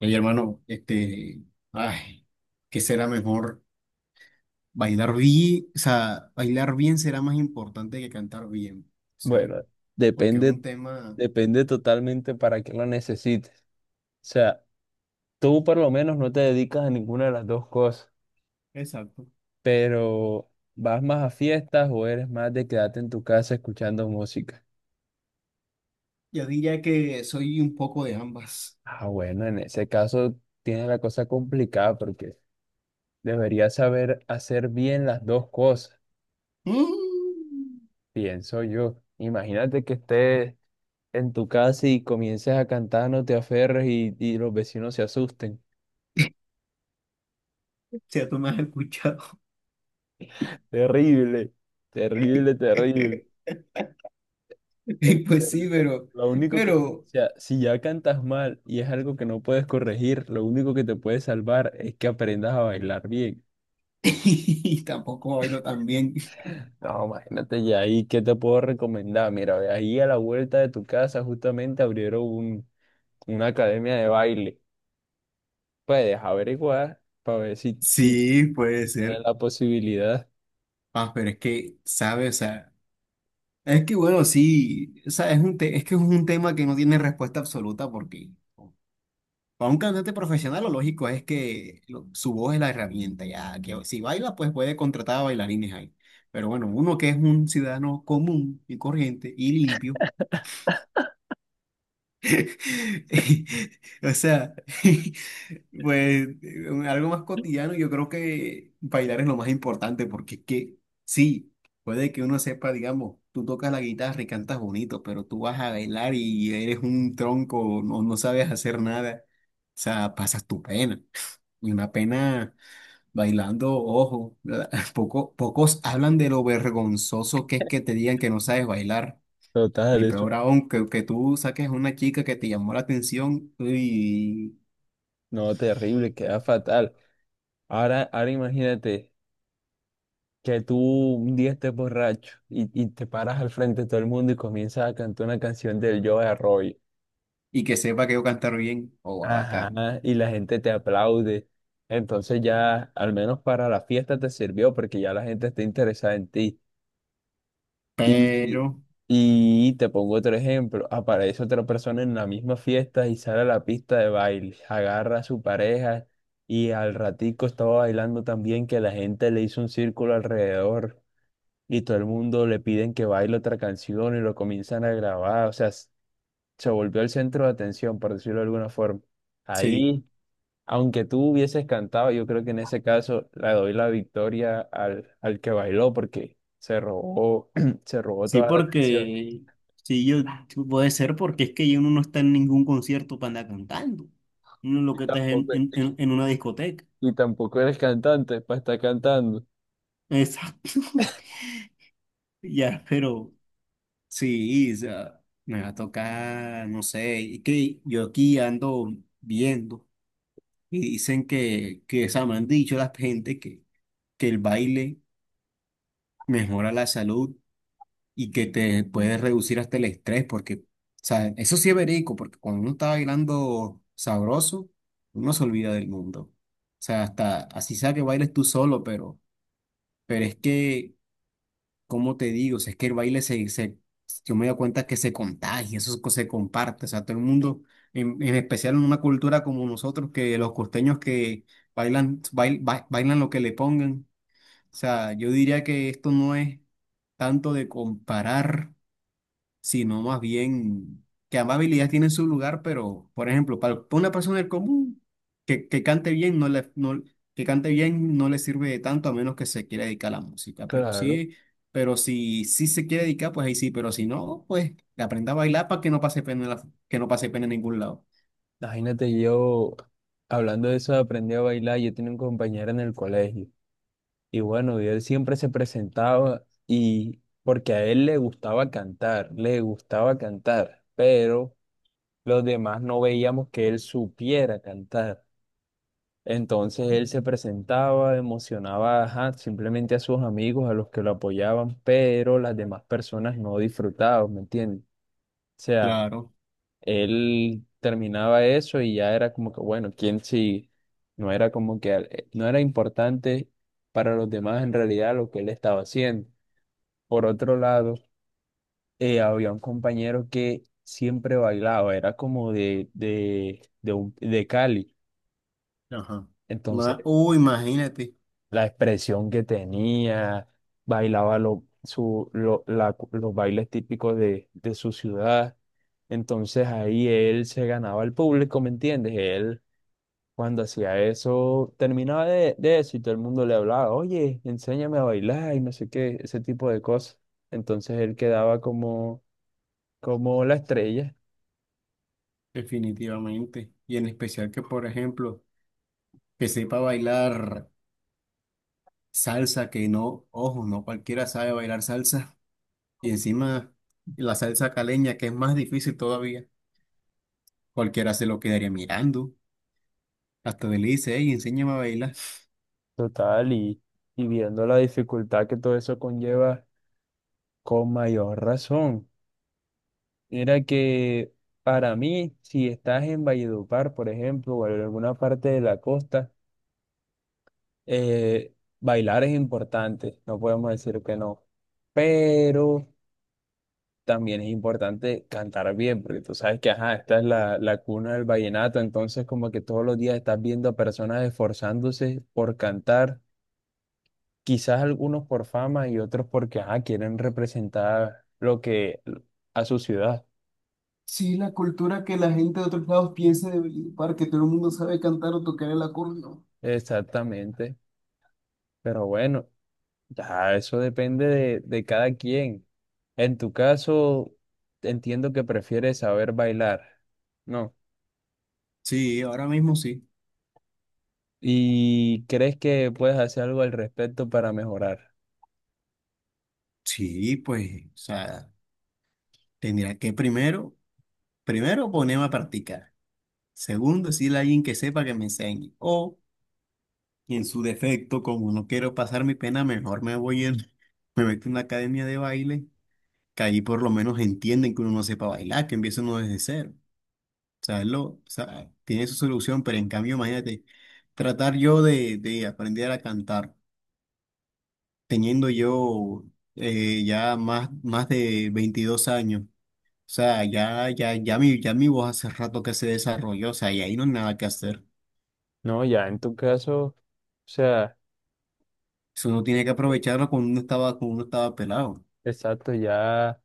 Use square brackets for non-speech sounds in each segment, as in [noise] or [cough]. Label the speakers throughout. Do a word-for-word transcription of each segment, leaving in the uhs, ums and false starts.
Speaker 1: Oye, hermano, este, ay, ¿qué será mejor? Bailar bien, o sea, bailar bien será más importante que cantar bien. O sea,
Speaker 2: Bueno,
Speaker 1: porque es
Speaker 2: depende,
Speaker 1: un tema.
Speaker 2: depende totalmente para qué lo necesites. O sea, tú por lo menos no te dedicas a ninguna de las dos cosas,
Speaker 1: Exacto.
Speaker 2: pero vas más a fiestas o eres más de quedarte en tu casa escuchando música.
Speaker 1: Yo diría que soy un poco de ambas.
Speaker 2: Ah, bueno, en ese caso tienes la cosa complicada porque deberías saber hacer bien las dos cosas,
Speaker 1: Mm,
Speaker 2: pienso yo. Imagínate que estés en tu casa y comiences a cantar No te aferres y, y los vecinos se asusten.
Speaker 1: [laughs] sea, tú me has escuchado.
Speaker 2: Terrible, terrible, terrible.
Speaker 1: [laughs]
Speaker 2: El
Speaker 1: Y
Speaker 2: ser-
Speaker 1: pues sí, pero,
Speaker 2: Lo único que, o
Speaker 1: pero
Speaker 2: sea, si ya cantas mal y es algo que no puedes corregir, lo único que te puede salvar es que aprendas a bailar bien.
Speaker 1: [laughs] y tampoco bailo tan bien.
Speaker 2: No, imagínate ya ahí, ¿qué te puedo recomendar? Mira, ve ahí a la vuelta de tu casa justamente abrieron un- una academia de baile. Puedes averiguar para ver si, si
Speaker 1: Sí, puede
Speaker 2: tienes
Speaker 1: ser.
Speaker 2: la posibilidad.
Speaker 1: Ah, pero es que, ¿sabes? O sea, es que bueno, sí, o sea, es un te- es que es un tema que no tiene respuesta absoluta porque para un cantante profesional lo lógico es que lo- su voz es la herramienta, ya que si baila pues puede contratar a bailarines ahí. Pero bueno, uno que es un ciudadano común y corriente y limpio, [laughs] o sea, [laughs] pues un- algo más cotidiano, yo creo que bailar es lo más importante, porque es que sí, puede que uno sepa, digamos, tú tocas la guitarra y cantas bonito, pero tú vas a bailar y eres un tronco, no, no sabes hacer nada. O sea, pasas tu pena. Y una pena bailando, ojo, [laughs] poco, pocos hablan de lo vergonzoso que es que te digan que no sabes bailar.
Speaker 2: Total,
Speaker 1: Y
Speaker 2: eso,
Speaker 1: peor aún, que, que tú saques a una chica que te llamó la atención y,
Speaker 2: no, terrible, queda fatal. Ahora, ahora imagínate que tú un día estés borracho y, y te paras al frente de todo el mundo y comienzas a cantar una canción del Joe Arroyo.
Speaker 1: y que sepa que yo cantar bien, o oh, bacán.
Speaker 2: Ajá, y la gente te aplaude. Entonces ya, al menos para la fiesta te sirvió porque ya la gente está interesada en ti.
Speaker 1: Pero,
Speaker 2: Y, y te pongo otro ejemplo, aparece otra persona en la misma fiesta y sale a la pista de baile, agarra a su pareja y al ratico estaba bailando tan bien que la gente le hizo un círculo alrededor, y todo el mundo le piden que baile otra canción y lo comienzan a grabar. O sea, s- se volvió el centro de atención, por decirlo de alguna forma.
Speaker 1: sí,
Speaker 2: Ahí, aunque tú hubieses cantado, yo creo que en ese caso le doy la victoria al, al que bailó porque se robó, [clears throat] se robó
Speaker 1: sí,
Speaker 2: toda la atención.
Speaker 1: porque sí, yo puede ser porque es que uno no está en ningún concierto para andar cantando. Uno lo
Speaker 2: Y
Speaker 1: que está es en,
Speaker 2: tampoco,
Speaker 1: en, en en una discoteca.
Speaker 2: y tampoco eres cantante para estar cantando.
Speaker 1: Exacto. [laughs] Ya, pero sí, o sea, me va a tocar, no sé, y que yo aquí ando viendo y dicen que, que o sea, me han dicho la gente que. que el baile mejora la salud y que te puede reducir hasta el estrés, porque, o sea, eso sí es verídico, porque cuando uno está bailando sabroso, uno se olvida del mundo. O sea, hasta así sea que bailes tú solo, pero, pero es que, ¿cómo te digo? O sea, es que el baile se, se, yo me doy cuenta que se contagia, eso co- se comparte, o sea, todo el mundo, en, en especial en una cultura como nosotros, que los costeños que bailan, bail- ba- bailan lo que le pongan. O sea, yo diría que esto no es tanto de comparar, sino más bien que ambas habilidades tienen su lugar, pero, por ejemplo, para para una persona del común que, que cante bien, no le, no- que cante bien no le sirve de tanto a menos que se quiera dedicar a la música, pero
Speaker 2: Claro.
Speaker 1: sí, pero si sí se quiere dedicar, pues ahí sí, pero si no, pues aprenda a bailar para que no pase pena, en la- que no pase pena en ningún lado.
Speaker 2: Imagínate yo hablando de eso, aprendí a bailar, yo tenía un compañero en el colegio. Y bueno, y él siempre se presentaba y porque a él le gustaba cantar, le gustaba cantar, pero los demás no veíamos que él supiera cantar. Entonces él se presentaba, emocionaba, ajá, simplemente a sus amigos, a los que lo apoyaban, pero las demás personas no disfrutaban, ¿me entiendes? O sea,
Speaker 1: Claro.
Speaker 2: él terminaba eso y ya era como que, bueno, ¿quién sí? No era como que, eh, no era importante para los demás en realidad lo que él estaba haciendo. Por otro lado, eh, había un compañero que siempre bailaba, era como de, de, de, un- de Cali.
Speaker 1: Ajá. Ma-
Speaker 2: Entonces,
Speaker 1: Uy, imagínate,
Speaker 2: la expresión que tenía, bailaba lo- su- lo- la- los bailes típicos de, de su ciudad. Entonces, ahí él se ganaba al público, ¿me entiendes? Él, cuando hacía eso, terminaba de, de eso y todo el mundo le hablaba, oye, enséñame a bailar y no sé qué, ese tipo de cosas. Entonces, él quedaba como como la estrella.
Speaker 1: definitivamente. Y en especial que, por ejemplo, que sepa bailar salsa, que no, ojo, no cualquiera sabe bailar salsa. Y encima la salsa caleña, que es más difícil todavía. Cualquiera se lo quedaría mirando. Hasta le dice, hey, enséñame a bailar.
Speaker 2: Total, y, y viendo la dificultad que todo eso conlleva, con mayor razón. Mira que para mí, si estás en Valledupar, por ejemplo, o en alguna parte de la costa, eh, bailar es importante, no podemos decir que no. Pero también es importante cantar bien, porque tú sabes que, ajá, esta es la, la cuna del vallenato, entonces como que todos los días estás viendo a personas esforzándose por cantar. Quizás algunos por fama y otros porque ajá, quieren representar lo que a su ciudad.
Speaker 1: Sí, la cultura que la gente de otros lados piensa de Valledupar, que todo el mundo sabe cantar o tocar el acordeón.
Speaker 2: Exactamente. Pero bueno, ya eso depende de, de cada quien. En tu caso, entiendo que prefieres saber bailar, ¿no?
Speaker 1: Sí, ahora mismo sí.
Speaker 2: ¿Y crees que puedes hacer algo al respecto para mejorar?
Speaker 1: Sí, pues, o sea, tendría que primero, primero ponerme a practicar. Segundo, decirle a alguien que sepa que me enseñe. O y en su defecto, como no quiero pasar mi pena, mejor me voy en, [laughs] me meto en una academia de baile, que ahí por lo menos entienden que uno no sepa bailar, que empieza uno desde cero. O sea, es lo, o sea, tiene su solución, pero en cambio, imagínate, tratar yo de, de aprender a cantar, teniendo yo eh, ya más, más de veintidós años. O sea, ya, ya, ya mi, ya mi voz hace rato que se desarrolló, o sea, y ahí no hay nada que hacer.
Speaker 2: No, ya en tu caso, o sea,
Speaker 1: Eso uno tiene que aprovecharlo cuando uno estaba, cuando uno estaba pelado.
Speaker 2: exacto, ya.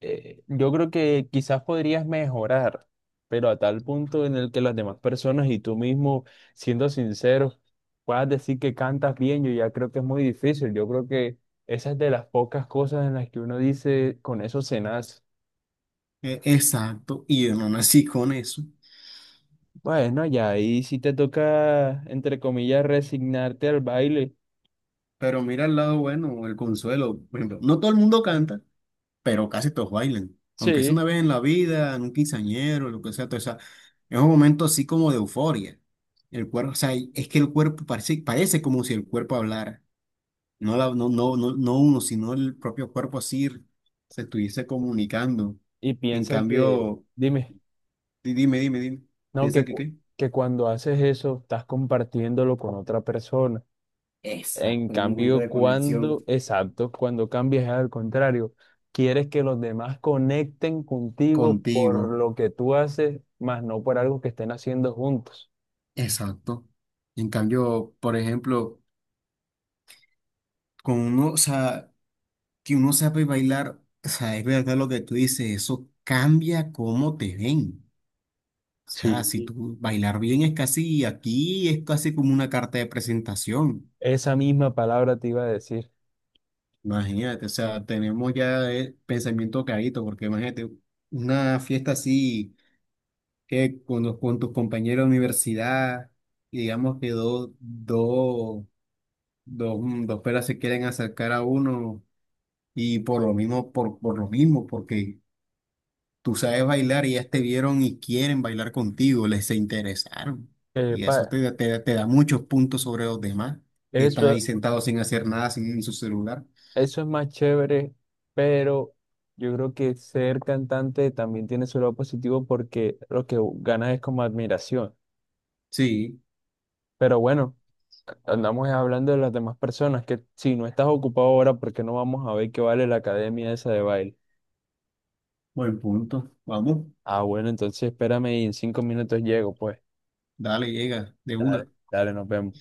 Speaker 2: Eh, yo creo que quizás podrías mejorar, pero a tal punto en el que las demás personas y tú mismo, siendo sinceros, puedas decir que cantas bien, yo ya creo que es muy difícil. Yo creo que esa es de las pocas cosas en las que uno dice, con eso se nace.
Speaker 1: E- Exacto, y yo no nací con eso.
Speaker 2: Bueno, ya ahí sí te toca, entre comillas, resignarte al baile.
Speaker 1: Pero mira el lado bueno, el consuelo. Por ejemplo, no todo el mundo canta, pero casi todos bailan. Aunque sea
Speaker 2: Sí,
Speaker 1: una vez en la vida, en un quinceañero, lo que sea, todo esa- es un momento así como de euforia. El cuerpo, o sea, es que el cuerpo parece, parece como si el cuerpo hablara. No, la- no, no, no, no uno, sino el propio cuerpo así se estuviese comunicando.
Speaker 2: y
Speaker 1: En
Speaker 2: piensa que,
Speaker 1: cambio,
Speaker 2: dime,
Speaker 1: di- dime, dime, dime.
Speaker 2: no,
Speaker 1: ¿Piensan
Speaker 2: que,
Speaker 1: que
Speaker 2: cu-
Speaker 1: qué?
Speaker 2: que cuando haces eso estás compartiéndolo con otra persona. En
Speaker 1: Exacto, hay un momento
Speaker 2: cambio,
Speaker 1: de conexión
Speaker 2: cuando, exacto, cuando cambias es al contrario, quieres que los demás conecten contigo por
Speaker 1: contigo.
Speaker 2: lo que tú haces, más no por algo que estén haciendo juntos.
Speaker 1: Exacto. En cambio, por ejemplo, con uno, o sea, que uno sabe bailar, o sea, es verdad lo que tú dices, eso cambia cómo te ven. O sea, si
Speaker 2: Sí,
Speaker 1: tú bailar bien es casi, aquí es casi como una carta de presentación.
Speaker 2: esa misma palabra te iba a decir.
Speaker 1: Imagínate, o sea, tenemos ya el pensamiento clarito, porque imagínate, una fiesta así, eh, con, los- con tus compañeros de universidad, y digamos que dos, dos, dos, mm, dos peras se quieren acercar a uno. Y por lo mismo, por, por lo mismo, porque tú sabes bailar y ellas te vieron y quieren bailar contigo, les se interesaron.
Speaker 2: Eh,
Speaker 1: Y eso te,
Speaker 2: pa-
Speaker 1: da- te, da te da muchos puntos sobre los demás, que están
Speaker 2: Eso,
Speaker 1: ahí sentados sin hacer nada, sin en su celular.
Speaker 2: eso es más chévere, pero yo creo que ser cantante también tiene su lado positivo porque lo que ganas es como admiración.
Speaker 1: Sí,
Speaker 2: Pero bueno, andamos hablando de las demás personas, que si no estás ocupado ahora, ¿por qué no vamos a ver qué vale la academia esa de baile?
Speaker 1: buen punto. Vamos,
Speaker 2: Ah, bueno, entonces espérame y en cinco minutos llego, pues.
Speaker 1: dale, llega de
Speaker 2: Dale,
Speaker 1: una.
Speaker 2: dale, nos vemos.